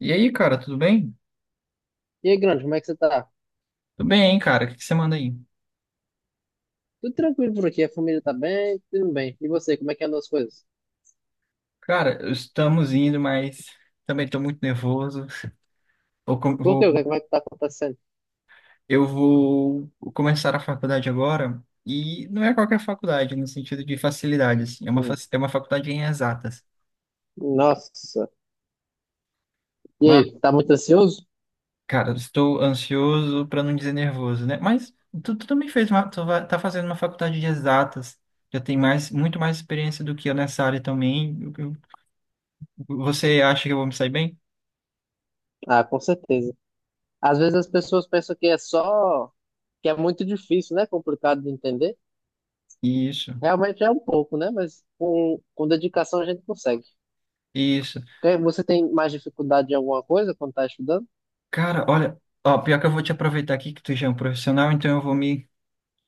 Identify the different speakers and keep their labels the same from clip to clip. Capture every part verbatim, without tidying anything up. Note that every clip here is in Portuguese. Speaker 1: E aí, cara, tudo bem?
Speaker 2: E aí, grande, como é que você tá?
Speaker 1: Tudo bem, hein, cara? O que que você manda aí?
Speaker 2: Tudo tranquilo por aqui, a família tá bem, tudo bem. E você, como é que andam as coisas?
Speaker 1: Cara, estamos indo, mas também estou muito nervoso. Vou com-
Speaker 2: Por quê? O que
Speaker 1: vou-
Speaker 2: é que vai estar acontecendo?
Speaker 1: eu vou começar a faculdade agora, e não é qualquer faculdade, no sentido de facilidade, assim. É uma,
Speaker 2: Hum.
Speaker 1: fac- é uma faculdade em exatas.
Speaker 2: Nossa. E
Speaker 1: Mas,
Speaker 2: aí, tá muito ansioso?
Speaker 1: cara, eu estou ansioso para não dizer nervoso, né? Mas tu, tu também fez uma, tu vai- tá fazendo uma faculdade de exatas. Já tem mais, muito mais experiência do que eu nessa área também. Eu- eu- Você acha que eu vou me sair bem?
Speaker 2: Ah, com certeza. Às vezes as pessoas pensam que é só, que é muito difícil, né? Complicado de entender.
Speaker 1: Isso,
Speaker 2: Realmente é um pouco, né? Mas com, com dedicação a gente consegue.
Speaker 1: isso.
Speaker 2: Quer- Você tem mais dificuldade em alguma coisa quando tá estudando?
Speaker 1: Cara, olha, ó, pior que eu vou te aproveitar aqui que tu já é um profissional, então eu vou me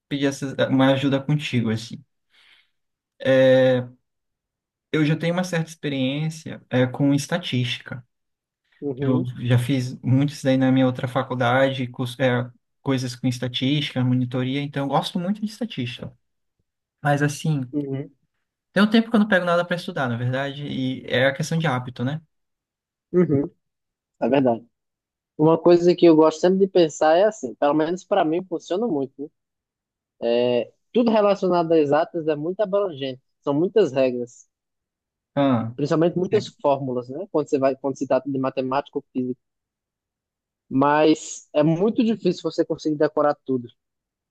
Speaker 1: pedir essa- uma ajuda contigo, assim. Eu já tenho uma certa experiência, é, com estatística. Eu
Speaker 2: Uhum,
Speaker 1: já fiz muito isso daí na minha outra faculdade, cus- é, coisas com estatística, monitoria, então eu gosto muito de estatística. Mas assim,
Speaker 2: uhum,
Speaker 1: tem um tempo que eu não pego nada para estudar, na verdade, e é a questão de hábito, né?
Speaker 2: uhum. É verdade. Uma coisa que eu gosto sempre de pensar é assim, pelo menos para mim funciona muito, né? Tudo relacionado a exatas é muito abrangente. São muitas regras,
Speaker 1: Ah,
Speaker 2: principalmente
Speaker 1: é,
Speaker 2: muitas fórmulas, né? Quando você vai, quando se trata de matemática ou física. Mas é muito difícil você conseguir decorar tudo.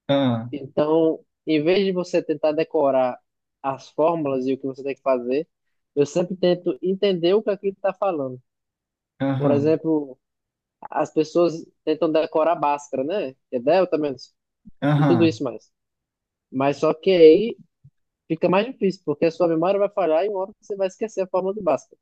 Speaker 1: ah,
Speaker 2: Então, em vez de você tentar decorar as fórmulas e o que você tem que fazer, eu sempre tento entender o que aquilo está falando. Por
Speaker 1: aham,
Speaker 2: exemplo, as pessoas tentam decorar Bhaskara, né? Que é delta menos e tudo
Speaker 1: aham.
Speaker 2: isso mais. Mas só que aí fica mais difícil, porque a sua memória vai falhar e uma hora você vai esquecer a fórmula de Bhaskara.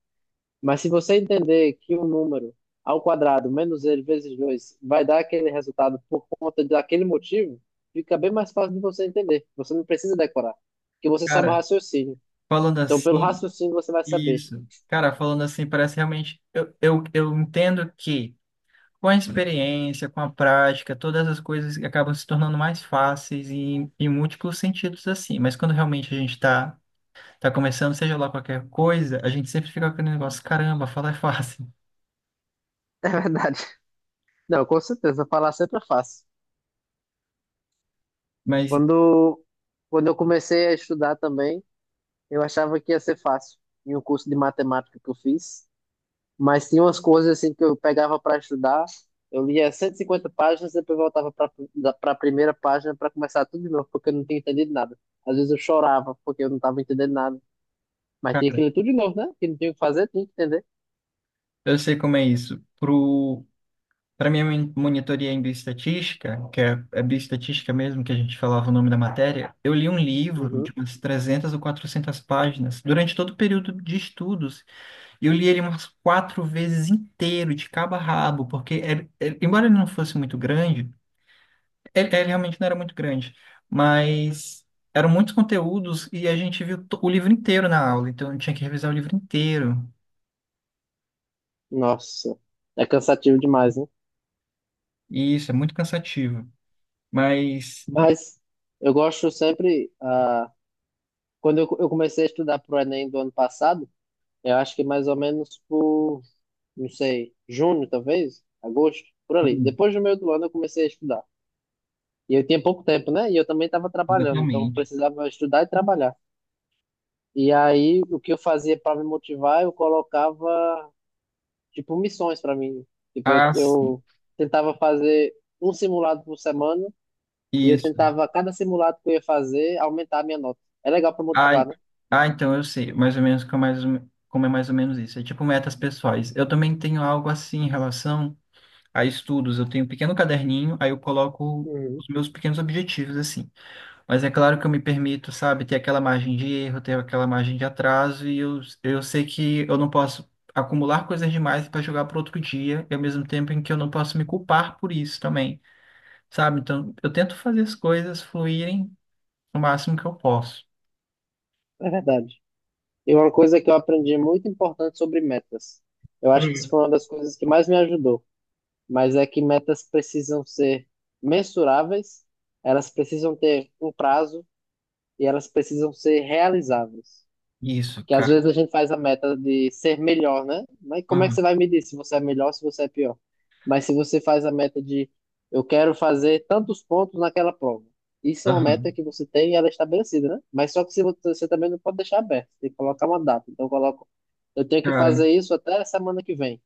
Speaker 2: Mas se você entender que um número ao quadrado menos ele vezes dois vai dar aquele resultado por conta daquele motivo, fica bem mais fácil de você entender. Você não precisa decorar, porque você sabe o
Speaker 1: Cara,
Speaker 2: raciocínio.
Speaker 1: falando
Speaker 2: Então, pelo
Speaker 1: assim.
Speaker 2: raciocínio, você vai saber.
Speaker 1: Isso. Cara, falando assim, parece realmente. Eu, eu, eu entendo que, com a experiência, com a prática, todas as coisas acabam se tornando mais fáceis e em múltiplos sentidos assim. Mas quando realmente a gente tá, tá começando, seja lá qualquer coisa, a gente sempre fica com aquele negócio, caramba, falar é fácil.
Speaker 2: É verdade. Não, com certeza, falar sempre é fácil.
Speaker 1: Mas,
Speaker 2: Quando, quando eu comecei a estudar também, eu achava que ia ser fácil. Em um curso de matemática que eu fiz, mas tinha umas coisas assim que eu pegava para estudar, eu lia cento e cinquenta páginas, depois voltava para a primeira página para começar tudo de novo, porque eu não tinha entendido nada. Às vezes eu chorava porque eu não estava entendendo nada, mas tinha que
Speaker 1: cara,
Speaker 2: ler tudo de novo, né? Que não tinha o que fazer, tinha que entender.
Speaker 1: eu sei como é isso. Para minha mon- monitoria em bioestatística, que é é bioestatística mesmo, que a gente falava o nome da matéria, eu li um livro de
Speaker 2: Uhum.
Speaker 1: umas trezentas ou quatrocentas páginas durante todo o período de estudos. E eu li ele umas quatro vezes inteiro, de cabo a rabo, porque, ele- ele- embora ele não fosse muito grande, ele, ele realmente não era muito grande, mas eram muitos conteúdos e a gente viu to- o livro inteiro na aula, então eu tinha que revisar o livro inteiro.
Speaker 2: Nossa, é cansativo demais, né?
Speaker 1: E isso é muito cansativo. Mas,
Speaker 2: Mas eu gosto sempre, ah, quando eu, eu comecei a estudar para o Enem do ano passado, eu acho que mais ou menos por, não sei, junho talvez, agosto, por ali.
Speaker 1: hum,
Speaker 2: Depois do meio do ano eu comecei a estudar. E eu tinha pouco tempo, né? E eu também estava trabalhando, então eu
Speaker 1: exatamente.
Speaker 2: precisava estudar e trabalhar. E aí, o que eu fazia para me motivar, eu colocava, tipo, missões para mim. Tipo, eu,
Speaker 1: As
Speaker 2: eu tentava fazer um simulado por semana e eu
Speaker 1: Isso.
Speaker 2: tentava, a cada simulado que eu ia fazer, aumentar a minha nota. É legal para
Speaker 1: Ah,
Speaker 2: motivar, né?
Speaker 1: ah, então eu sei, mais ou menos como é mais, ou me- como é mais ou menos isso. É tipo metas pessoais. Eu também tenho algo assim em relação a estudos. Eu tenho um pequeno caderninho, aí eu coloco
Speaker 2: Uhum.
Speaker 1: os meus pequenos objetivos assim. Mas é claro que eu me permito, sabe, ter aquela margem de erro, ter aquela margem de atraso, e eu, eu sei que eu não posso acumular coisas demais para jogar para outro dia, e ao mesmo tempo em que eu não posso me culpar por isso também, sabe? Então eu tento fazer as coisas fluírem o máximo que eu posso.
Speaker 2: É verdade. E uma coisa que eu aprendi muito importante sobre metas. Eu acho que isso foi uma das coisas que mais me ajudou. Mas é que metas precisam ser mensuráveis, elas precisam ter um prazo e elas precisam ser realizáveis.
Speaker 1: Isso,
Speaker 2: Que às
Speaker 1: cara.
Speaker 2: vezes a gente faz a meta de ser melhor, né? Mas como é que
Speaker 1: Aham,
Speaker 2: você vai medir se você é melhor, se você é pior? Mas se você faz a meta de eu quero fazer tantos pontos naquela prova. Isso é uma meta
Speaker 1: aham.
Speaker 2: que você tem e ela é estabelecida, né? Mas só que se você, você também não pode deixar aberto, tem que colocar uma data. Então coloca, eu tenho que
Speaker 1: Cara,
Speaker 2: fazer isso até semana que vem.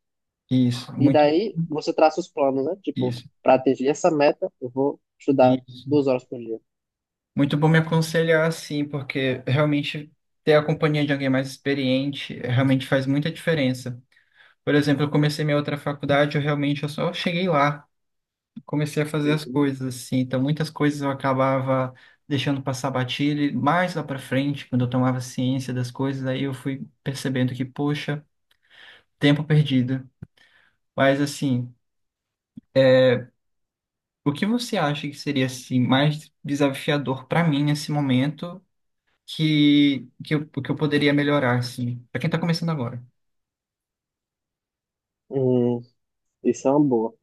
Speaker 1: isso,
Speaker 2: E
Speaker 1: muito,
Speaker 2: daí você traça os planos, né? Tipo,
Speaker 1: isso,
Speaker 2: para atingir essa meta, eu vou estudar
Speaker 1: isso.
Speaker 2: duas horas por dia.
Speaker 1: Muito bom me aconselhar assim, porque realmente ter a companhia de alguém mais experiente, eh, realmente faz muita diferença. Por exemplo, eu comecei minha outra faculdade, eu realmente eu só cheguei lá, comecei a fazer as
Speaker 2: Uhum.
Speaker 1: coisas assim, então muitas coisas eu acabava deixando passar batido, e mais lá para frente, quando eu tomava ciência das coisas, aí eu fui percebendo que, poxa, tempo perdido. Mas assim, o que você acha que seria assim mais desafiador para mim nesse momento, que que eu, que eu poderia melhorar assim, para quem tá começando agora?
Speaker 2: Hum, isso é uma boa.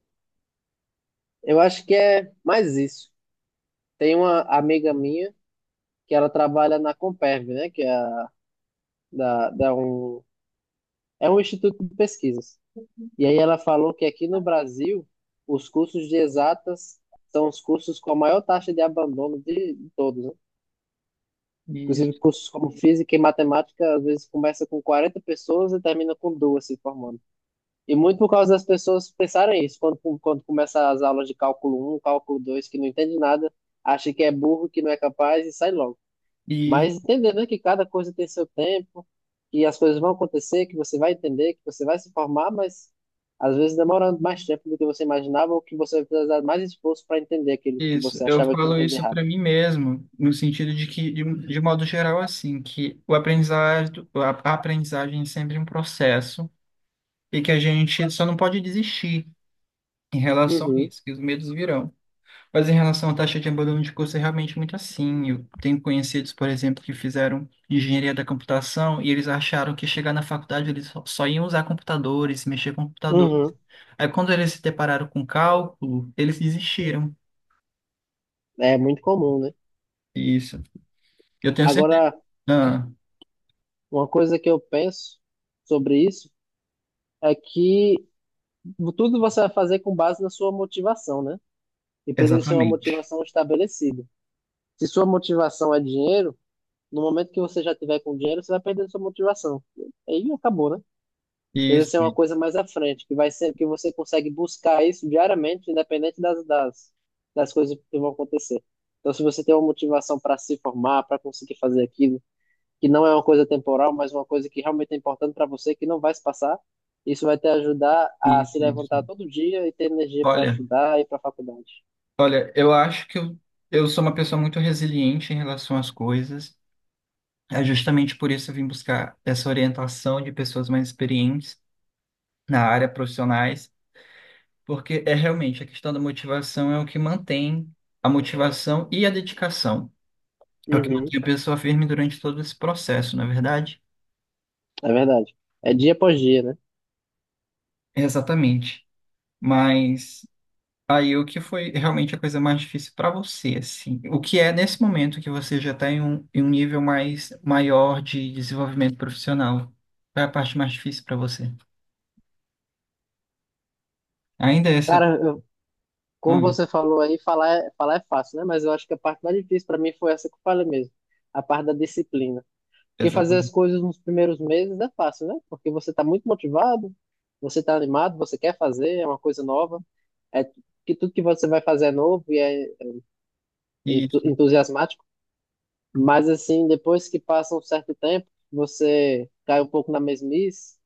Speaker 2: Eu acho que é mais isso. Tem uma amiga minha que ela trabalha na Comperv, né? Que é, a- da, da um, é um instituto de pesquisas. E aí ela falou que aqui no Brasil, os cursos de exatas são os cursos com a maior taxa de abandono de de todos, né? Inclusive,
Speaker 1: Isso,
Speaker 2: cursos como física e matemática, às vezes começa com quarenta pessoas e termina com duas se formando. E muito por causa das pessoas pensarem isso, quando, quando começa as aulas de cálculo um cálculo dois que não entende nada, acha que é burro, que não é capaz e sai logo. Mas
Speaker 1: isso,
Speaker 2: entendendo que cada coisa tem seu tempo, que as coisas vão acontecer, que você vai entender, que você vai se formar, mas às vezes demorando mais tempo do que você imaginava ou que você vai precisar de mais esforço para entender aquilo que
Speaker 1: isso.
Speaker 2: você
Speaker 1: Eu
Speaker 2: achava que ia
Speaker 1: falo
Speaker 2: entender
Speaker 1: isso
Speaker 2: rápido.
Speaker 1: para mim mesmo, no sentido de que de, um- de modo geral assim, que o aprendizado, a, a aprendizagem é sempre um processo e que a gente só não pode desistir em relação a
Speaker 2: Uhum,
Speaker 1: isso, que os medos virão. Mas em relação à taxa de abandono de curso, é realmente muito assim. Eu tenho conhecidos, por exemplo, que fizeram engenharia da computação e eles acharam que, chegar na faculdade, eles só só iam usar computadores, mexer com computadores.
Speaker 2: uhum.
Speaker 1: Aí quando eles se depararam com cálculo, eles desistiram.
Speaker 2: É muito comum, né?
Speaker 1: Isso. Eu tenho certeza.
Speaker 2: Agora,
Speaker 1: Ah,
Speaker 2: uma coisa que eu penso sobre isso é que tudo você vai fazer com base na sua motivação, né? E precisa ser uma
Speaker 1: exatamente.
Speaker 2: motivação estabelecida. Se sua motivação é dinheiro, no momento que você já tiver com dinheiro, você vai perder sua motivação. Aí acabou, né? Precisa
Speaker 1: Isso,
Speaker 2: ser uma coisa mais à frente, que vai ser que você consegue buscar isso diariamente, independente das, das, das coisas que vão acontecer. Então, se você tem uma motivação para se formar, para conseguir fazer aquilo, que não é uma coisa temporal, mas uma coisa que realmente é importante para você, que não vai se passar. Isso vai te ajudar a se
Speaker 1: isso, isso.
Speaker 2: levantar todo dia e ter energia para
Speaker 1: Olha,
Speaker 2: estudar e para faculdade.
Speaker 1: olha, eu acho que eu, eu sou uma pessoa muito resiliente em relação às coisas. É justamente por isso que eu vim buscar essa orientação de pessoas mais experientes na área, profissionais, porque é realmente a questão da motivação, é o que mantém a motivação e a dedicação. É o que
Speaker 2: Uhum,
Speaker 1: mantém a pessoa firme durante todo esse processo, não é verdade?
Speaker 2: é verdade. É dia após dia, né?
Speaker 1: Exatamente. Mas aí o que foi realmente a coisa mais difícil para você, assim? O que é nesse momento que você já está em um, em um nível mais maior de desenvolvimento profissional? Qual é a parte mais difícil para você? Ainda é essa.
Speaker 2: Cara, eu, como
Speaker 1: Ah,
Speaker 2: você falou aí, falar é, falar é fácil, né? Mas eu acho que a parte mais difícil para mim foi essa que eu falei mesmo, a parte da disciplina. Porque fazer as
Speaker 1: exatamente.
Speaker 2: coisas nos primeiros meses é fácil, né? Porque você está muito motivado, você está animado, você quer fazer, é uma coisa nova, é que tudo que você vai fazer é novo e é entu- entusiasmático, mas assim, depois que passa um certo tempo, você cai um pouco na mesmice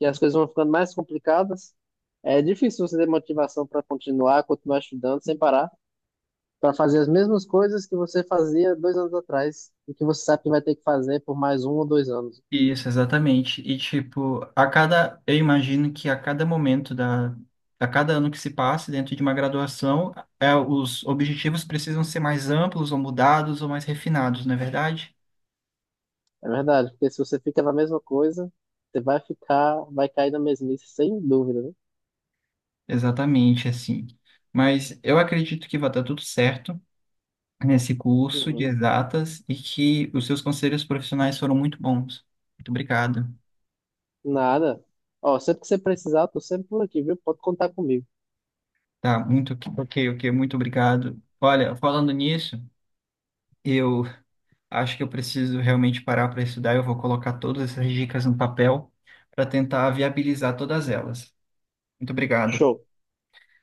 Speaker 2: e as coisas vão ficando mais complicadas. É difícil você ter motivação para continuar, continuar estudando sem parar, para fazer as mesmas coisas que você fazia dois anos atrás e que você sabe que vai ter que fazer por mais um ou dois anos.
Speaker 1: Isso, exatamente. E tipo, a cada, eu imagino que a cada momento da, a cada ano que se passe dentro de uma graduação, é, os objetivos precisam ser mais amplos, ou mudados, ou mais refinados, não é verdade?
Speaker 2: É verdade, porque se você fica na mesma coisa, você vai ficar, vai cair na mesmice, sem dúvida, né?
Speaker 1: Exatamente, assim. Mas eu acredito que vai dar tudo certo nesse curso de
Speaker 2: Uhum.
Speaker 1: exatas e que os seus conselhos profissionais foram muito bons. Muito obrigado.
Speaker 2: Nada. Ó, sempre que você precisar, tô sempre por aqui, viu? Pode contar comigo.
Speaker 1: Tá, muito ok, ok, ok, muito obrigado. Olha, falando nisso, eu acho que eu preciso realmente parar para estudar. Eu vou colocar todas essas dicas no papel para tentar viabilizar todas elas. Muito obrigado.
Speaker 2: Show.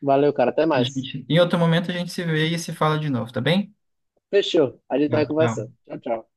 Speaker 2: Valeu, cara. Até
Speaker 1: A
Speaker 2: mais.
Speaker 1: gente- em outro momento a gente se vê e se fala de novo, tá bem?
Speaker 2: Fechou. A gente
Speaker 1: Tá,
Speaker 2: vai
Speaker 1: tchau.
Speaker 2: conversando. Tchau, tchau.